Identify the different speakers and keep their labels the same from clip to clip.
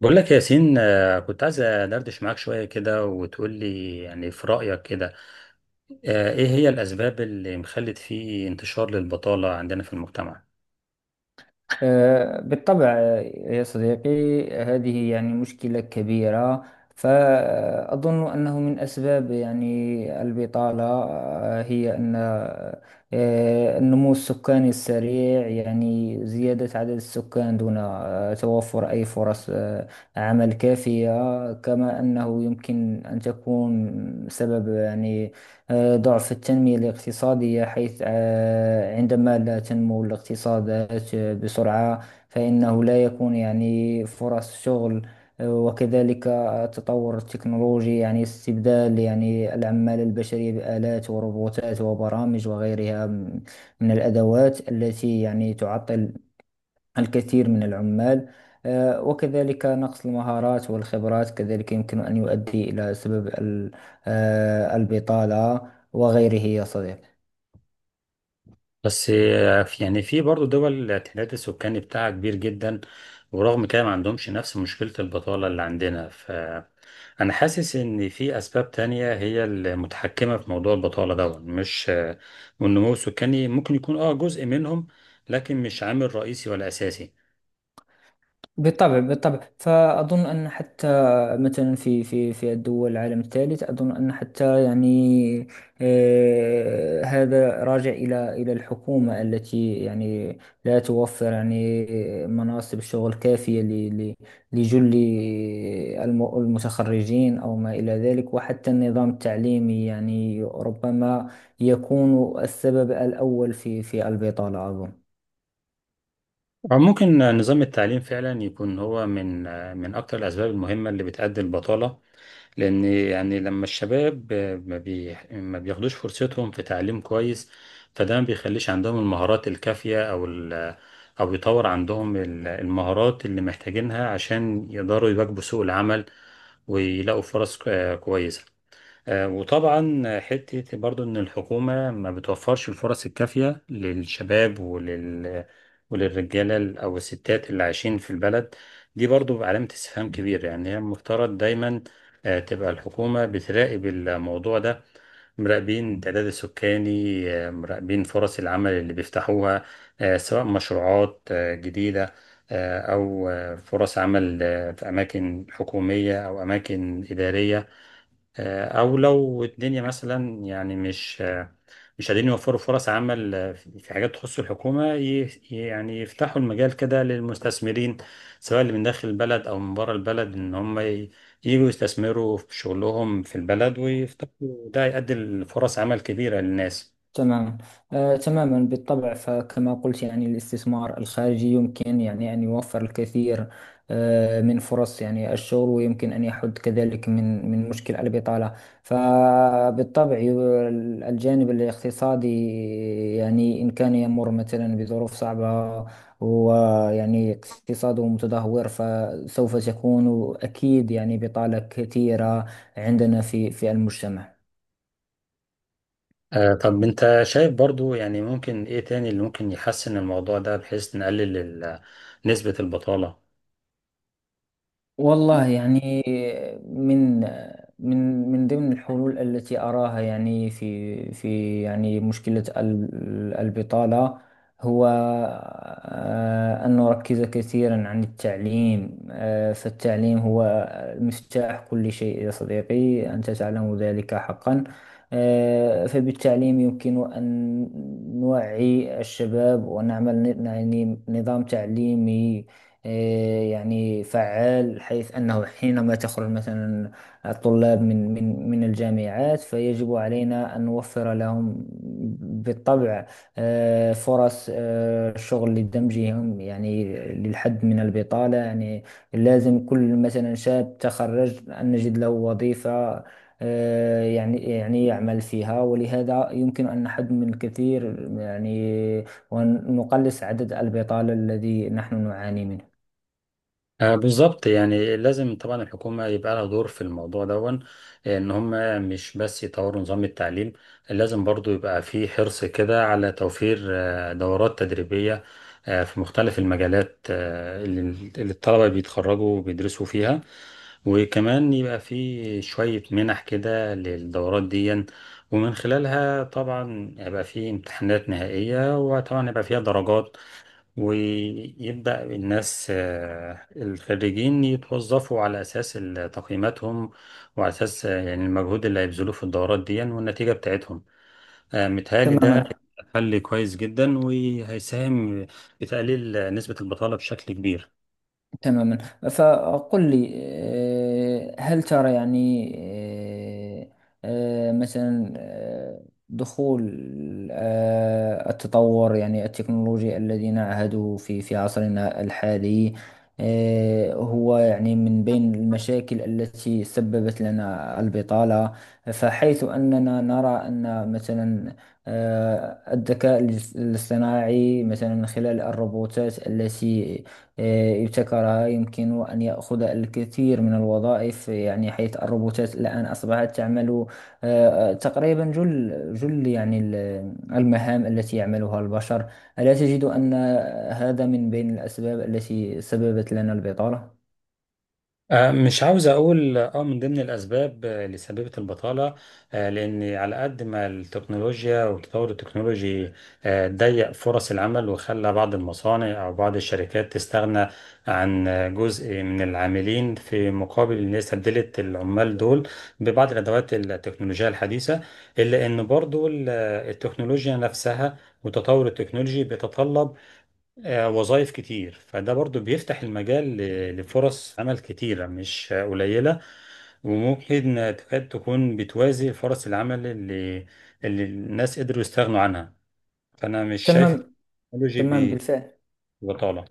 Speaker 1: بقول لك يا ياسين، كنت عايز أدردش معاك شوية كده وتقول لي يعني في رأيك كده. إيه هي الأسباب اللي مخلت في انتشار للبطالة عندنا في المجتمع؟
Speaker 2: بالطبع يا صديقي، هذه يعني مشكلة كبيرة. فأظن أنه من أسباب يعني البطالة هي أن النمو السكاني السريع، يعني زيادة عدد السكان دون توفر أي فرص عمل كافية. كما أنه يمكن أن تكون سبب يعني ضعف التنمية الاقتصادية، حيث عندما لا تنمو الاقتصادات بسرعة فإنه لا يكون يعني فرص شغل. وكذلك التطور التكنولوجي، يعني استبدال يعني العمالة البشرية بآلات وروبوتات وبرامج وغيرها من الأدوات التي يعني تعطل الكثير من العمال. وكذلك نقص المهارات والخبرات كذلك يمكن أن يؤدي إلى سبب البطالة وغيره يا صديقي.
Speaker 1: بس يعني في برضه دول التعداد السكاني بتاعها كبير جدا، ورغم كده ما عندهمش نفس مشكلة البطالة اللي عندنا، فأنا حاسس إن في أسباب تانية هي المتحكمة في موضوع البطالة ده، مش والنمو السكاني ممكن يكون جزء منهم، لكن مش عامل رئيسي ولا أساسي.
Speaker 2: بالطبع بالطبع، فأظن أن حتى مثلا في الدول العالم الثالث، أظن أن حتى يعني هذا راجع إلى الحكومة التي يعني لا توفر يعني مناصب شغل كافية لجل المتخرجين أو ما إلى ذلك. وحتى النظام التعليمي يعني ربما يكون السبب الأول في البطالة أظن.
Speaker 1: ممكن نظام التعليم فعلا يكون هو من اكتر الاسباب المهمه اللي بتؤدي البطاله، لان يعني لما الشباب ما بياخدوش فرصتهم في تعليم كويس، فده ما بيخليش عندهم المهارات الكافيه او يطور عندهم المهارات اللي محتاجينها عشان يقدروا يواكبوا سوق العمل، ويلاقوا فرص كويسه. وطبعا حتة برضو إن الحكومة ما بتوفرش الفرص الكافية للشباب وللرجالة أو الستات اللي عايشين في البلد، دي برضو علامة استفهام كبيرة. يعني هي المفترض دايما تبقى الحكومة بتراقب الموضوع ده، مراقبين التعداد السكاني، مراقبين فرص العمل اللي بيفتحوها، سواء مشروعات جديدة، أو فرص عمل في أماكن حكومية أو أماكن إدارية. او لو الدنيا مثلا يعني مش قادرين يوفروا فرص عمل في حاجات تخص الحكومه، يعني يفتحوا المجال كده للمستثمرين، سواء اللي من داخل البلد او من بره البلد، ان هم يجوا يستثمروا في شغلهم في البلد ويفتحوا، ده يؤدي لفرص عمل كبيره للناس.
Speaker 2: تماما، تماما بالطبع. فكما قلت يعني الاستثمار الخارجي يمكن يعني أن يوفر الكثير من فرص يعني الشغل، ويمكن أن يحد كذلك من مشكل البطالة. فبالطبع ي- الجانب الاقتصادي يعني إن كان يمر مثلا بظروف صعبة ويعني اقتصاده متدهور، فسوف تكون أكيد يعني بطالة كثيرة عندنا في المجتمع.
Speaker 1: طب انت شايف برضو يعني ممكن ايه تاني اللي ممكن يحسن الموضوع ده، بحيث نقلل نسبه البطاله؟
Speaker 2: والله يعني من من ضمن الحلول التي أراها يعني في في يعني مشكلة البطالة هو أن نركز كثيرا عن التعليم. فالتعليم هو مفتاح كل شيء يا صديقي، أنت تعلم ذلك حقا. فبالتعليم يمكن أن نوعي الشباب ونعمل يعني نظام تعليمي، إيه، يعني فعال. حيث أنه حينما تخرج مثلا الطلاب من الجامعات، فيجب علينا أن نوفر لهم بالطبع فرص شغل لدمجهم، يعني للحد من البطالة. يعني لازم كل مثلا شاب تخرج أن نجد له وظيفة يعني يعني يعمل فيها، ولهذا يمكن أن نحد من الكثير يعني ونقلص عدد البطالة الذي نحن نعاني منه.
Speaker 1: بالظبط، يعني لازم طبعا الحكومة يبقى لها دور في الموضوع دون، ان هم مش بس يطوروا نظام التعليم، لازم برضو يبقى في حرص كده على توفير دورات تدريبية، في مختلف المجالات اللي الطلبة بيتخرجوا وبيدرسوا فيها. وكمان يبقى في شوية منح كده للدورات دي، ومن خلالها طبعا هيبقى في امتحانات نهائية، وطبعا هيبقى فيها درجات، ويبدأ الناس الخريجين يتوظفوا على أساس تقييماتهم، وعلى أساس يعني المجهود اللي هيبذلوه في الدورات دي، يعني والنتيجة بتاعتهم. متهيألي ده
Speaker 2: تماما
Speaker 1: حل كويس جدا وهيساهم في تقليل نسبة البطالة بشكل كبير.
Speaker 2: تماما. فقل لي، هل ترى يعني مثلا دخول التطور يعني التكنولوجي الذي نعهده في عصرنا الحالي، هو يعني من بين المشاكل التي سببت لنا البطالة؟ فحيث أننا نرى أن مثلا الذكاء الاصطناعي مثلا خلال الروبوتات التي ابتكرها يمكن أن يأخذ الكثير من الوظائف، يعني حيث الروبوتات الآن أصبحت تعمل تقريبا جل يعني المهام التي يعملها البشر. ألا تجد أن هذا من بين الأسباب التي سببت لنا البطالة؟
Speaker 1: مش عاوز اقول من ضمن الاسباب اللي سببت البطاله، لان على قد ما التكنولوجيا والتطور التكنولوجي ضيق فرص العمل، وخلى بعض المصانع او بعض الشركات تستغنى عن جزء من العاملين، في مقابل ان هي استبدلت العمال دول ببعض الادوات التكنولوجيه الحديثه، الا ان برضو التكنولوجيا نفسها وتطور التكنولوجي بيتطلب وظائف كتير، فده برضو بيفتح المجال لفرص عمل كتيرة مش قليلة، وممكن تكاد تكون بتوازي فرص العمل اللي الناس قدروا يستغنوا عنها، فأنا مش شايف
Speaker 2: تمام،
Speaker 1: التكنولوجي
Speaker 2: تمام بالفعل.
Speaker 1: ببطالة.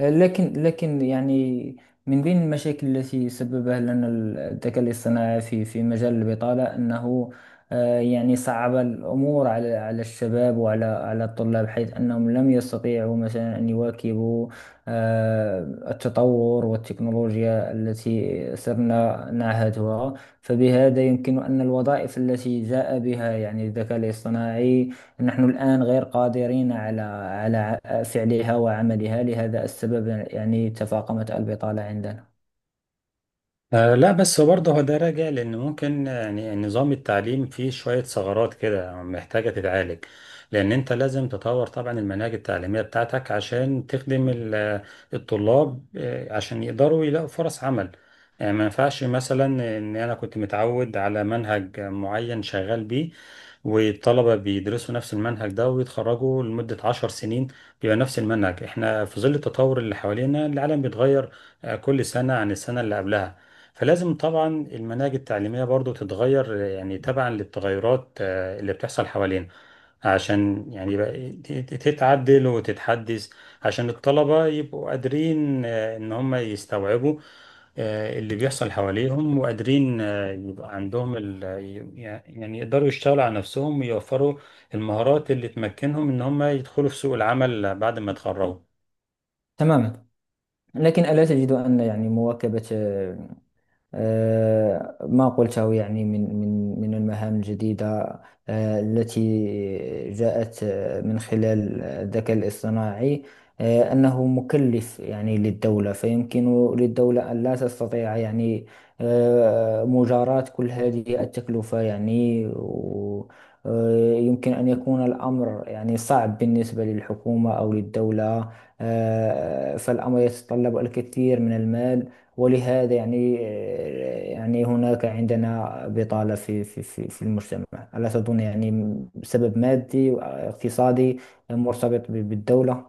Speaker 2: لكن يعني من بين المشاكل التي سببها لنا الذكاء الاصطناعي في في مجال البطالة أنه يعني صعب الأمور على على الشباب وعلى على الطلاب، حيث أنهم لم يستطيعوا مثلا أن يواكبوا آه، التطور والتكنولوجيا التي صرنا نعهدها. فبهذا يمكن أن الوظائف التي جاء بها يعني الذكاء الاصطناعي نحن الآن غير قادرين على فعلها وعملها، لهذا السبب يعني تفاقمت البطالة عندنا.
Speaker 1: آه، لا، بس برضه هو ده راجع لان ممكن يعني نظام التعليم فيه شويه ثغرات كده محتاجه تتعالج، لان انت لازم تطور طبعا المناهج التعليميه بتاعتك عشان تخدم الطلاب، عشان يقدروا يلاقوا فرص عمل. يعني ما ينفعش مثلا ان انا كنت متعود على منهج معين شغال بيه، والطلبه بيدرسوا نفس المنهج ده ويتخرجوا لمده 10 سنين بيبقى نفس المنهج. احنا في ظل التطور اللي حوالينا العالم بيتغير كل سنه عن السنه اللي قبلها، فلازم طبعا المناهج التعليمية برضو تتغير يعني تبعا للتغيرات اللي بتحصل حوالينا، عشان يعني يبقى تتعدل وتتحدث، عشان الطلبة يبقوا قادرين ان هم يستوعبوا اللي بيحصل حواليهم، وقادرين يبقى عندهم يعني يقدروا يشتغلوا على نفسهم ويوفروا المهارات اللي تمكنهم ان هم يدخلوا في سوق العمل بعد ما يتخرجوا.
Speaker 2: تماما. لكن ألا تجد أن يعني مواكبة ما قلته يعني من من المهام الجديدة التي جاءت من خلال الذكاء الاصطناعي، أنه مكلف يعني للدولة؟ فيمكن للدولة أن لا تستطيع يعني مجاراة كل هذه التكلفة، يعني يمكن أن يكون الأمر يعني صعب بالنسبة للحكومة أو للدولة. فالأمر يتطلب الكثير من المال، ولهذا يعني يعني هناك عندنا بطالة في المجتمع. ألا تظن يعني سبب مادي واقتصادي مرتبط بالدولة؟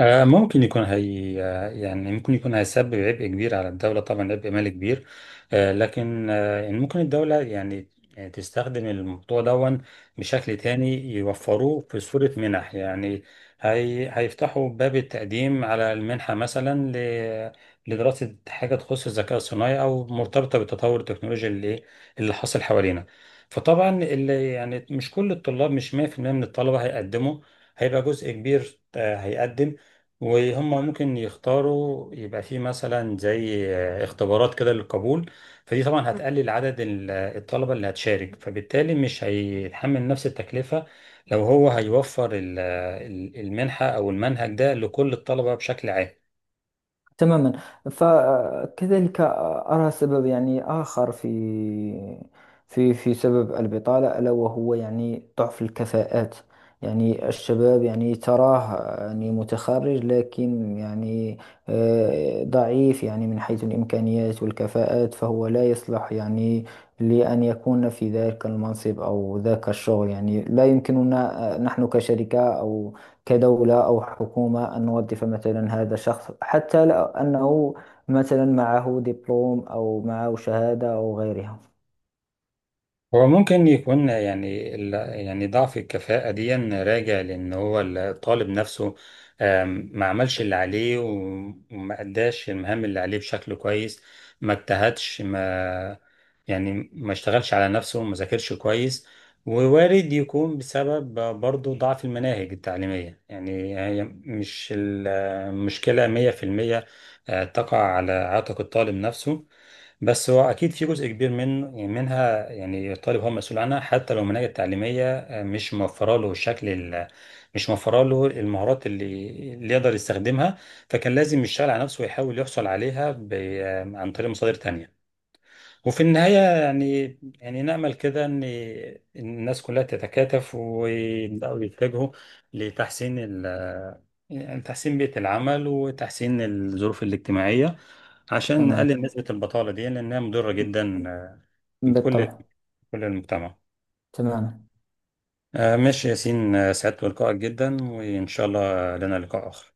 Speaker 1: ممكن يكون، هي يعني ممكن يكون هيسبب عبء كبير على الدولة، طبعا عبء مالي كبير، لكن يعني ممكن الدولة يعني تستخدم الموضوع دون بشكل تاني، يوفروه في صورة منح، يعني هي هيفتحوا باب التقديم على المنحة مثلا لدراسة حاجة تخص الذكاء الصناعي أو مرتبطة بالتطور التكنولوجي اللي حاصل حوالينا. فطبعا اللي يعني مش كل الطلاب، مش 100% من الطلبة هيقدموا، هيبقى جزء كبير هيقدم، وهم ممكن يختاروا يبقى فيه مثلا زي اختبارات كده للقبول، فدي طبعا هتقلل عدد الطلبة اللي هتشارك، فبالتالي مش هيتحمل نفس التكلفة لو هو هيوفر المنحة أو المنهج ده لكل الطلبة بشكل عام.
Speaker 2: تماما. فكذلك أرى سبب يعني آخر في سبب البطالة، ألا وهو يعني ضعف الكفاءات. يعني الشباب يعني تراه يعني متخرج، لكن يعني ضعيف يعني من حيث الإمكانيات والكفاءات، فهو لا يصلح يعني لأن يكون في ذلك المنصب أو ذاك الشغل. يعني لا يمكننا نحن كشركة أو كدولة أو حكومة أن نوظف مثلا هذا الشخص، حتى لو أنه مثلا معه دبلوم أو معه شهادة أو غيرها.
Speaker 1: هو ممكن يكون يعني يعني ضعف الكفاءة دي راجع لأن هو الطالب نفسه، ما عملش اللي عليه وما أداش المهام اللي عليه بشكل كويس، ما اجتهدش ما يعني ما اشتغلش على نفسه، ما ذاكرش كويس، ووارد يكون بسبب برضه ضعف المناهج التعليمية، يعني هي مش المشكلة 100% تقع على عاتق الطالب نفسه، بس هو اكيد في جزء كبير من، يعني منها، يعني الطالب هو مسؤول عنها حتى لو المناهج التعليميه مش موفره له الشكل مش موفره له المهارات اللي يقدر يستخدمها، فكان لازم يشتغل على نفسه ويحاول يحصل عليها عن طريق مصادر تانية. وفي النهاية يعني يعني نأمل كده إن الناس كلها تتكاتف ويبدأوا يتجهوا لتحسين يعني تحسين بيئة العمل وتحسين الظروف الاجتماعية، عشان
Speaker 2: تمام
Speaker 1: نقلل نسبة البطالة دي لأنها مضرة جدا بكل
Speaker 2: بالطبع،
Speaker 1: كل المجتمع.
Speaker 2: تمام.
Speaker 1: ماشي ياسين، سعدت بلقائك جدا وإن شاء الله لنا لقاء آخر.